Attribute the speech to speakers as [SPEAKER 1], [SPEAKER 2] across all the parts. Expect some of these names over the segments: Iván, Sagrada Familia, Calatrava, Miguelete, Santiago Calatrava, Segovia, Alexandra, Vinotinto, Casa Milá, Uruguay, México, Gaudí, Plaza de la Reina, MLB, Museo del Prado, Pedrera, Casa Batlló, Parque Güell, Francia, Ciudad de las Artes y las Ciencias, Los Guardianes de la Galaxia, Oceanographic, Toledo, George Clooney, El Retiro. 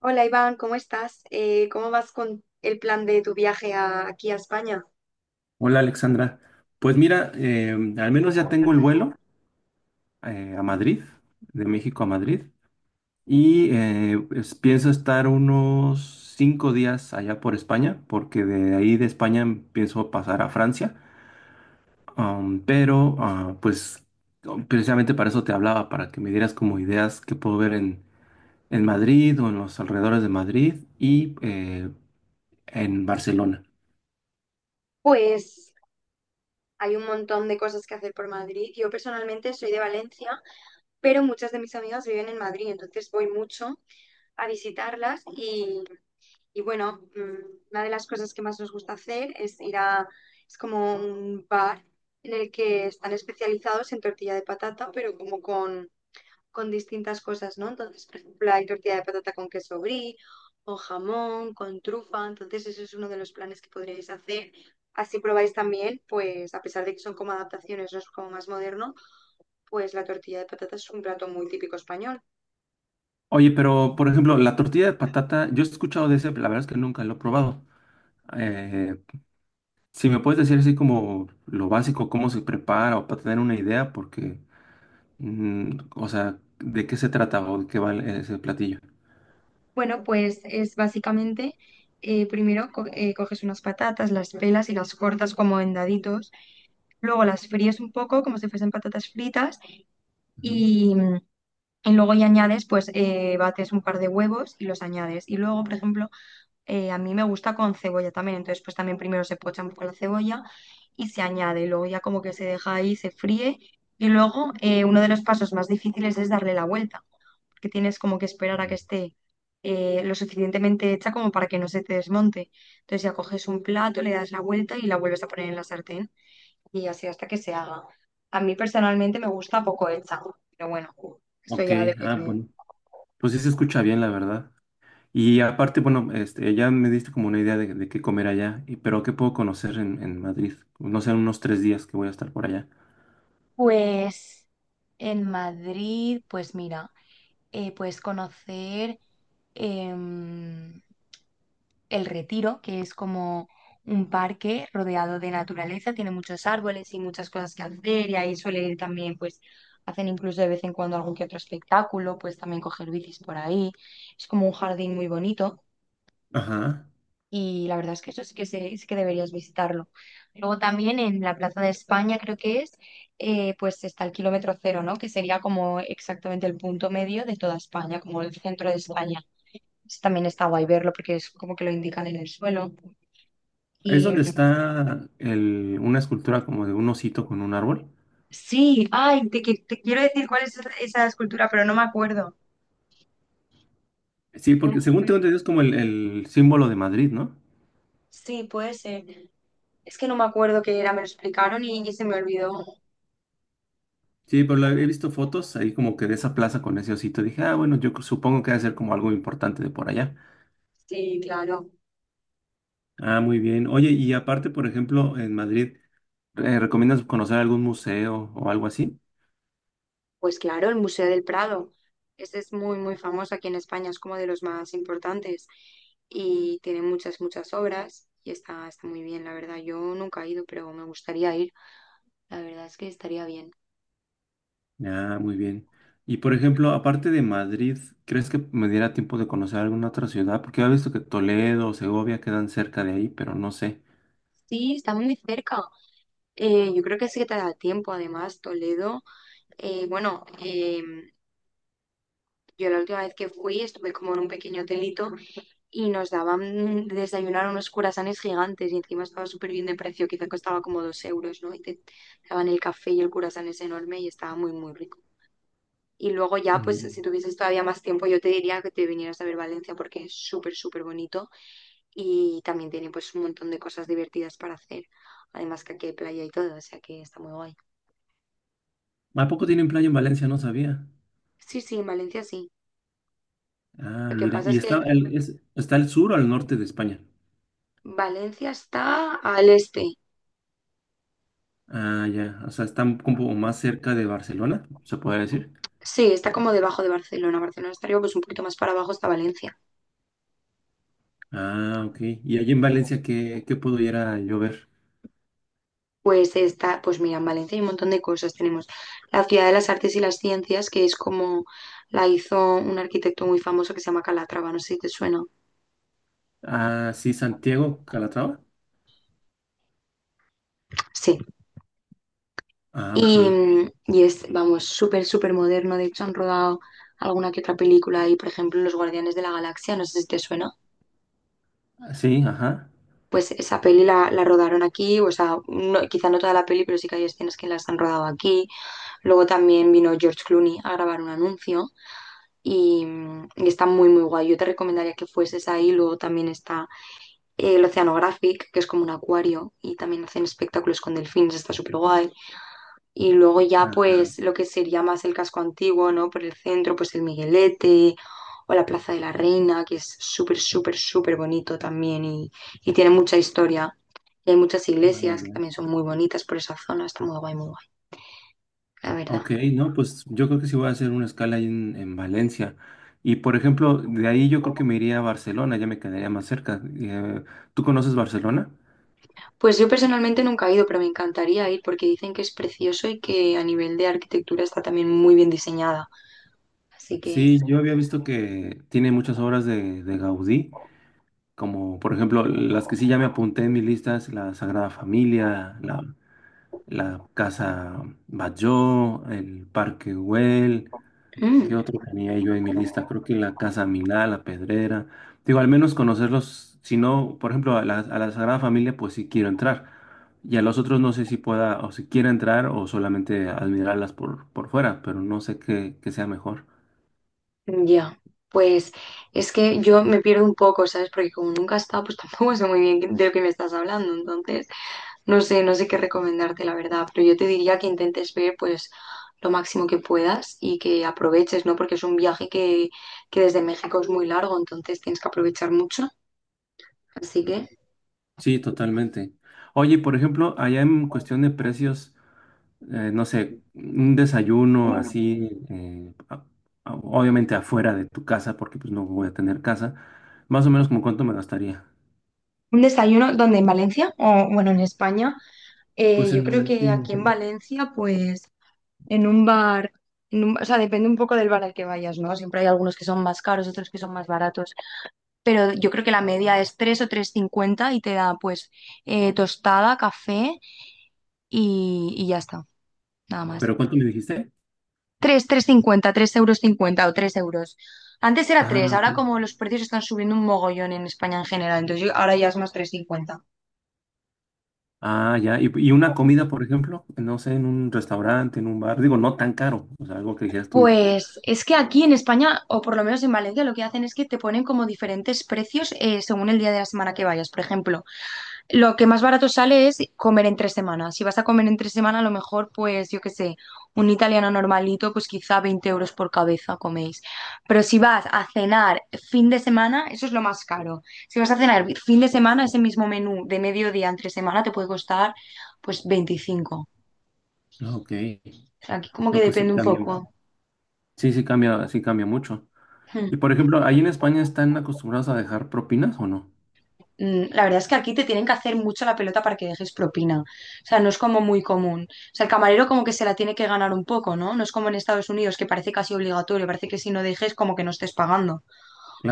[SPEAKER 1] Hola Iván, ¿cómo estás? ¿Cómo vas con el plan de tu viaje aquí a España?
[SPEAKER 2] Hola Alexandra, pues mira, al menos ya tengo el vuelo a Madrid, de México a Madrid, y pues, pienso estar unos 5 días allá por España, porque de ahí de España pienso pasar a Francia. Am, pero ah, pues oh, Precisamente para eso te hablaba, para que me dieras como ideas que puedo ver en Madrid o en los alrededores de Madrid y en Barcelona.
[SPEAKER 1] Pues hay un montón de cosas que hacer por Madrid. Yo personalmente soy de Valencia, pero muchas de mis amigas viven en Madrid, entonces voy mucho a visitarlas y bueno, una de las cosas que más nos gusta hacer es ir es como un bar en el que están especializados en tortilla de patata, pero como con distintas cosas, ¿no? Entonces, por ejemplo, hay tortilla de patata con queso brie o jamón con trufa, entonces eso es uno de los planes que podríais hacer. Así probáis también, pues a pesar de que son como adaptaciones, no es como más moderno, pues la tortilla de patata es un plato muy típico español.
[SPEAKER 2] Oye, pero por ejemplo, la tortilla de patata, yo he escuchado de ese, pero la verdad es que nunca lo he probado. Eh, si me puedes decir así como lo básico, cómo se prepara o para tener una idea, porque o sea, ¿de qué se trata o de qué va ese platillo?
[SPEAKER 1] Bueno, pues es básicamente, primero coges unas patatas, las pelas y las cortas como en daditos, luego las fríes un poco como si fuesen patatas fritas.
[SPEAKER 2] Ujú.
[SPEAKER 1] y, mm, Y luego ya añades, pues bates un par de huevos y los añades. Y luego, por ejemplo, a mí me gusta con cebolla también. Entonces, pues también primero se pocha un poco la cebolla y se añade. Y luego ya como que se deja ahí, se fríe. Y luego uno de los pasos más difíciles es darle la vuelta, porque tienes como que esperar a que esté lo suficientemente hecha como para que no se te desmonte. Entonces ya coges un plato, le das la vuelta y la vuelves a poner en la sartén y así hasta que se haga. A mí personalmente me gusta poco hecha, pero bueno, eso
[SPEAKER 2] Ok,
[SPEAKER 1] ya depende.
[SPEAKER 2] bueno, pues sí se escucha bien, la verdad. Y aparte, bueno, este, ya me diste como una idea de qué comer allá, pero ¿qué puedo conocer en Madrid? No sé, unos 3 días que voy a estar por allá.
[SPEAKER 1] Pues en Madrid, pues mira, puedes conocer em, El Retiro, que es como un parque rodeado de naturaleza, tiene muchos árboles y muchas cosas que hacer y ahí suele ir también, pues hacen incluso de vez en cuando algún que otro espectáculo, pues también coger bicis por ahí. Es como un jardín muy bonito.
[SPEAKER 2] Ajá.
[SPEAKER 1] Y la verdad es que eso sí que, sí que deberías visitarlo. Luego también en la Plaza de España, creo que es, pues está el kilómetro cero, ¿no? Que sería como exactamente el punto medio de toda España, como el centro de España. Eso también está guay verlo porque es como que lo indican en el suelo.
[SPEAKER 2] Es
[SPEAKER 1] Y
[SPEAKER 2] donde está una escultura como de un osito con un árbol.
[SPEAKER 1] sí, ay, te quiero decir cuál es esa escultura, pero no me acuerdo.
[SPEAKER 2] Sí,
[SPEAKER 1] No me
[SPEAKER 2] porque según tengo
[SPEAKER 1] acuerdo.
[SPEAKER 2] entendido es como el símbolo de Madrid, ¿no?
[SPEAKER 1] Sí, puede ser. Es que no me acuerdo qué era, me lo explicaron y se me olvidó.
[SPEAKER 2] Sí, pero he visto fotos ahí como que de esa plaza con ese osito. Dije, ah, bueno, yo supongo que debe ser como algo importante de por allá.
[SPEAKER 1] Sí, claro.
[SPEAKER 2] Ah, muy bien. Oye, y aparte, por ejemplo, en Madrid, ¿recomiendas conocer algún museo o algo así?
[SPEAKER 1] Pues claro, el Museo del Prado. Este es muy, muy famoso aquí en España, es como de los más importantes y tiene muchas, muchas obras y está muy bien, la verdad. Yo nunca he ido, pero me gustaría ir. La verdad es que estaría bien.
[SPEAKER 2] Ah, muy bien. Y por ejemplo, aparte de Madrid, ¿crees que me diera tiempo de conocer alguna otra ciudad? Porque he visto que Toledo o Segovia quedan cerca de ahí, pero no sé.
[SPEAKER 1] Sí, está muy cerca. Yo creo que sí que te da tiempo, además, Toledo. eh, bueno, eh, yo la última vez que fui estuve como en un pequeño hotelito y nos daban de desayunar unos curasanes gigantes y encima estaba súper bien de precio, quizá costaba como 2 euros, ¿no? Y te daban el café y el curasán es enorme y estaba muy, muy rico. Y luego ya, pues
[SPEAKER 2] Mm.
[SPEAKER 1] si tuvieses todavía más tiempo, yo te diría que te vinieras a ver Valencia porque es súper, súper bonito y también tiene pues un montón de cosas divertidas para hacer. Además que aquí hay playa y todo, o sea que está muy guay.
[SPEAKER 2] ¿A poco tienen playa en Valencia? No sabía.
[SPEAKER 1] Sí, sí, en Valencia sí.
[SPEAKER 2] Ah,
[SPEAKER 1] Lo que
[SPEAKER 2] mira.
[SPEAKER 1] pasa
[SPEAKER 2] ¿Y
[SPEAKER 1] es que
[SPEAKER 2] está el sur o al norte de España?
[SPEAKER 1] Valencia está al este.
[SPEAKER 2] Ah, ya. O sea, están como más cerca de Barcelona, se puede decir.
[SPEAKER 1] Sí, está como debajo de Barcelona. Barcelona estaría pues un poquito más para abajo está Valencia.
[SPEAKER 2] Ah, ok. ¿Y allí en Valencia qué pudiera yo ver?
[SPEAKER 1] Pues está, pues mira, en Valencia hay un montón de cosas. Tenemos la Ciudad de las Artes y las Ciencias, que es como la hizo un arquitecto muy famoso que se llama Calatrava, no sé si te suena.
[SPEAKER 2] Ah, sí, Santiago, Calatrava.
[SPEAKER 1] Sí.
[SPEAKER 2] Ah, ok.
[SPEAKER 1] Y es, vamos, súper, súper moderno. De hecho, han rodado alguna que otra película ahí, por ejemplo, Los Guardianes de la Galaxia, no sé si te suena.
[SPEAKER 2] Ah, sí, ajá.
[SPEAKER 1] Pues esa peli la rodaron aquí, o sea, quizá no toda la peli, pero sí que hay escenas que las han rodado aquí. Luego también vino George Clooney a grabar un anuncio. y, y está muy, muy guay. Yo te recomendaría que fueses ahí. Luego también está el Oceanographic, que es como un acuario y también hacen espectáculos con delfines, está súper guay. Y luego ya
[SPEAKER 2] Ah, no.
[SPEAKER 1] pues lo que sería más el casco antiguo, ¿no? Por el centro, pues el Miguelete o la Plaza de la Reina, que es súper, súper, súper bonito también y tiene mucha historia. Y hay muchas
[SPEAKER 2] Ah,
[SPEAKER 1] iglesias que
[SPEAKER 2] ya.
[SPEAKER 1] también son muy bonitas por esa zona, está muy guay, la verdad.
[SPEAKER 2] Ok, no, pues yo creo que sí voy a hacer una escala ahí en Valencia. Y por ejemplo, de ahí yo creo que me iría a Barcelona, ya me quedaría más cerca. ¿Tú conoces Barcelona?
[SPEAKER 1] Pues yo personalmente nunca he ido, pero me encantaría ir porque dicen que es precioso y que a nivel de arquitectura está también muy bien diseñada. Así que,
[SPEAKER 2] Sí, yo había visto que tiene muchas obras de Gaudí. Como por ejemplo, las que sí ya me apunté en mi lista es la Sagrada Familia, la Casa Batlló, el Parque Güell. ¿Qué
[SPEAKER 1] mm,
[SPEAKER 2] otro tenía yo en mi lista? Creo que la Casa Milá, la Pedrera. Digo, al menos conocerlos. Si no, por ejemplo, a la Sagrada Familia, pues sí quiero entrar. Y a los otros no sé si pueda o si quiera entrar o solamente admirarlas por fuera, pero no sé qué sea mejor.
[SPEAKER 1] ya. Pues es que yo me pierdo un poco, ¿sabes? Porque como nunca he estado, pues tampoco sé muy bien de lo que me estás hablando. Entonces, no sé qué recomendarte, la verdad, pero yo te diría que intentes ver, pues, lo máximo que puedas y que aproveches, ¿no? Porque es un viaje que desde México es muy largo, entonces tienes que aprovechar mucho. Así que...
[SPEAKER 2] Sí, totalmente. Oye, por ejemplo, allá en cuestión de precios. No sé, un desayuno así, obviamente afuera de tu casa, porque pues no voy a tener casa, más o menos como cuánto me gastaría.
[SPEAKER 1] Un desayuno donde en Valencia, o bueno, en España,
[SPEAKER 2] Pues,
[SPEAKER 1] yo creo que aquí en Valencia, pues en un bar, o sea, depende un poco del bar al que vayas, ¿no? Siempre hay algunos que son más caros, otros que son más baratos, pero yo creo que la media es 3 o tres cincuenta y te da pues tostada, café y ya está, nada más.
[SPEAKER 2] ¿pero cuánto me dijiste?
[SPEAKER 1] Tres, tres cincuenta, tres euros cincuenta o 3 euros. Antes era tres,
[SPEAKER 2] Ah, ok.
[SPEAKER 1] ahora como los precios están subiendo un mogollón en España en general, entonces ahora ya es más tres cincuenta.
[SPEAKER 2] Ah, ya. ¿Y una comida, por ejemplo? No sé, en un restaurante, en un bar. Digo, no tan caro. O sea, algo que dijeras tú.
[SPEAKER 1] Pues es que aquí en España, o por lo menos en Valencia, lo que hacen es que te ponen como diferentes precios según el día de la semana que vayas. Por ejemplo, lo que más barato sale es comer entre semanas. Si vas a comer entre semana, a lo mejor, pues yo qué sé, un italiano normalito, pues quizá 20 euros por cabeza coméis. Pero si vas a cenar fin de semana, eso es lo más caro. Si vas a cenar fin de semana, ese mismo menú de mediodía entre semana te puede costar pues 25.
[SPEAKER 2] Ah, ok.
[SPEAKER 1] O sea, aquí como que
[SPEAKER 2] No, pues sí
[SPEAKER 1] depende un
[SPEAKER 2] cambia.
[SPEAKER 1] poco.
[SPEAKER 2] Sí, sí cambia mucho.
[SPEAKER 1] Hmm.
[SPEAKER 2] Y por ejemplo, ¿ahí en España están acostumbrados a dejar propinas o no?
[SPEAKER 1] La verdad es que aquí te tienen que hacer mucho la pelota para que dejes propina. O sea, no es como muy común. O sea, el camarero como que se la tiene que ganar un poco, ¿no? No es como en Estados Unidos, que parece casi obligatorio, parece que si no dejes como que no estés pagando.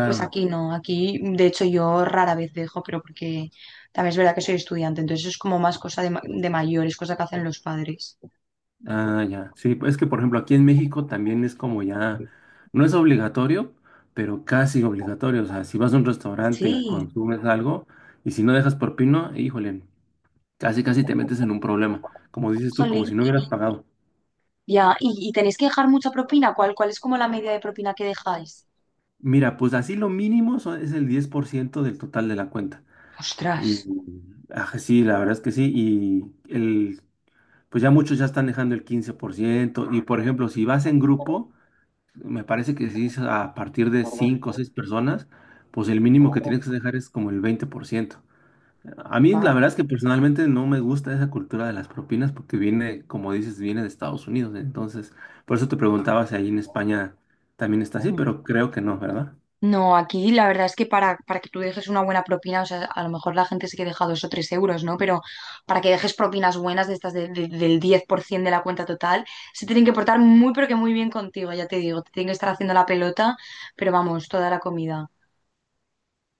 [SPEAKER 1] Pues aquí no, aquí de hecho yo rara vez dejo, pero porque también es verdad que soy estudiante, entonces eso es como más cosa de mayores, cosa que hacen los padres.
[SPEAKER 2] Ah, ya. Sí, pues es que por ejemplo aquí en México también es como ya, no es obligatorio, pero casi obligatorio. O sea, si vas a un restaurante
[SPEAKER 1] Sí,
[SPEAKER 2] y consumes algo, y si no dejas propina, híjole, casi casi te metes en un problema. Como dices tú, como
[SPEAKER 1] jolín,
[SPEAKER 2] si no hubieras pagado.
[SPEAKER 1] ya, y tenéis que dejar mucha propina, cuál es como la media de propina que dejáis?
[SPEAKER 2] Mira, pues así lo mínimo es el 10% del total de la cuenta.
[SPEAKER 1] Ostras,
[SPEAKER 2] Y sí, la verdad es que sí. Y el, pues ya muchos ya están dejando el 15%. Y por ejemplo, si vas en grupo, me parece que si es a partir de 5 o 6 personas, pues el mínimo que tienes que dejar es como el 20%. A mí la
[SPEAKER 1] guau.
[SPEAKER 2] verdad es que personalmente no me gusta esa cultura de las propinas porque viene, como dices, viene de Estados Unidos. Entonces, por eso te preguntaba si ahí en España también está así, pero creo que no, ¿verdad?
[SPEAKER 1] No, aquí la verdad es que para que tú dejes una buena propina, o sea, a lo mejor la gente sí que deja 2 o 3 euros, ¿no? Pero para que dejes propinas buenas de estas del 10% de la cuenta total, se tienen que portar muy, pero que muy bien contigo, ya te digo, te tienen que estar haciendo la pelota, pero vamos, toda la comida.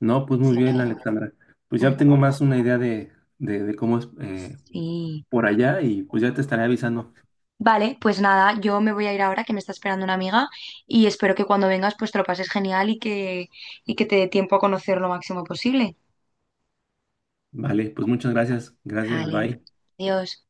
[SPEAKER 2] No, pues muy
[SPEAKER 1] Así que,
[SPEAKER 2] bien, Alexandra. Pues
[SPEAKER 1] mm,
[SPEAKER 2] ya tengo más una idea de cómo es
[SPEAKER 1] sí.
[SPEAKER 2] por allá y pues ya te estaré avisando.
[SPEAKER 1] Vale, pues nada, yo me voy a ir ahora que me está esperando una amiga y espero que cuando vengas pues te lo pases genial y que te dé tiempo a conocer lo máximo posible.
[SPEAKER 2] Vale, pues muchas gracias. Gracias,
[SPEAKER 1] Vale,
[SPEAKER 2] bye.
[SPEAKER 1] adiós.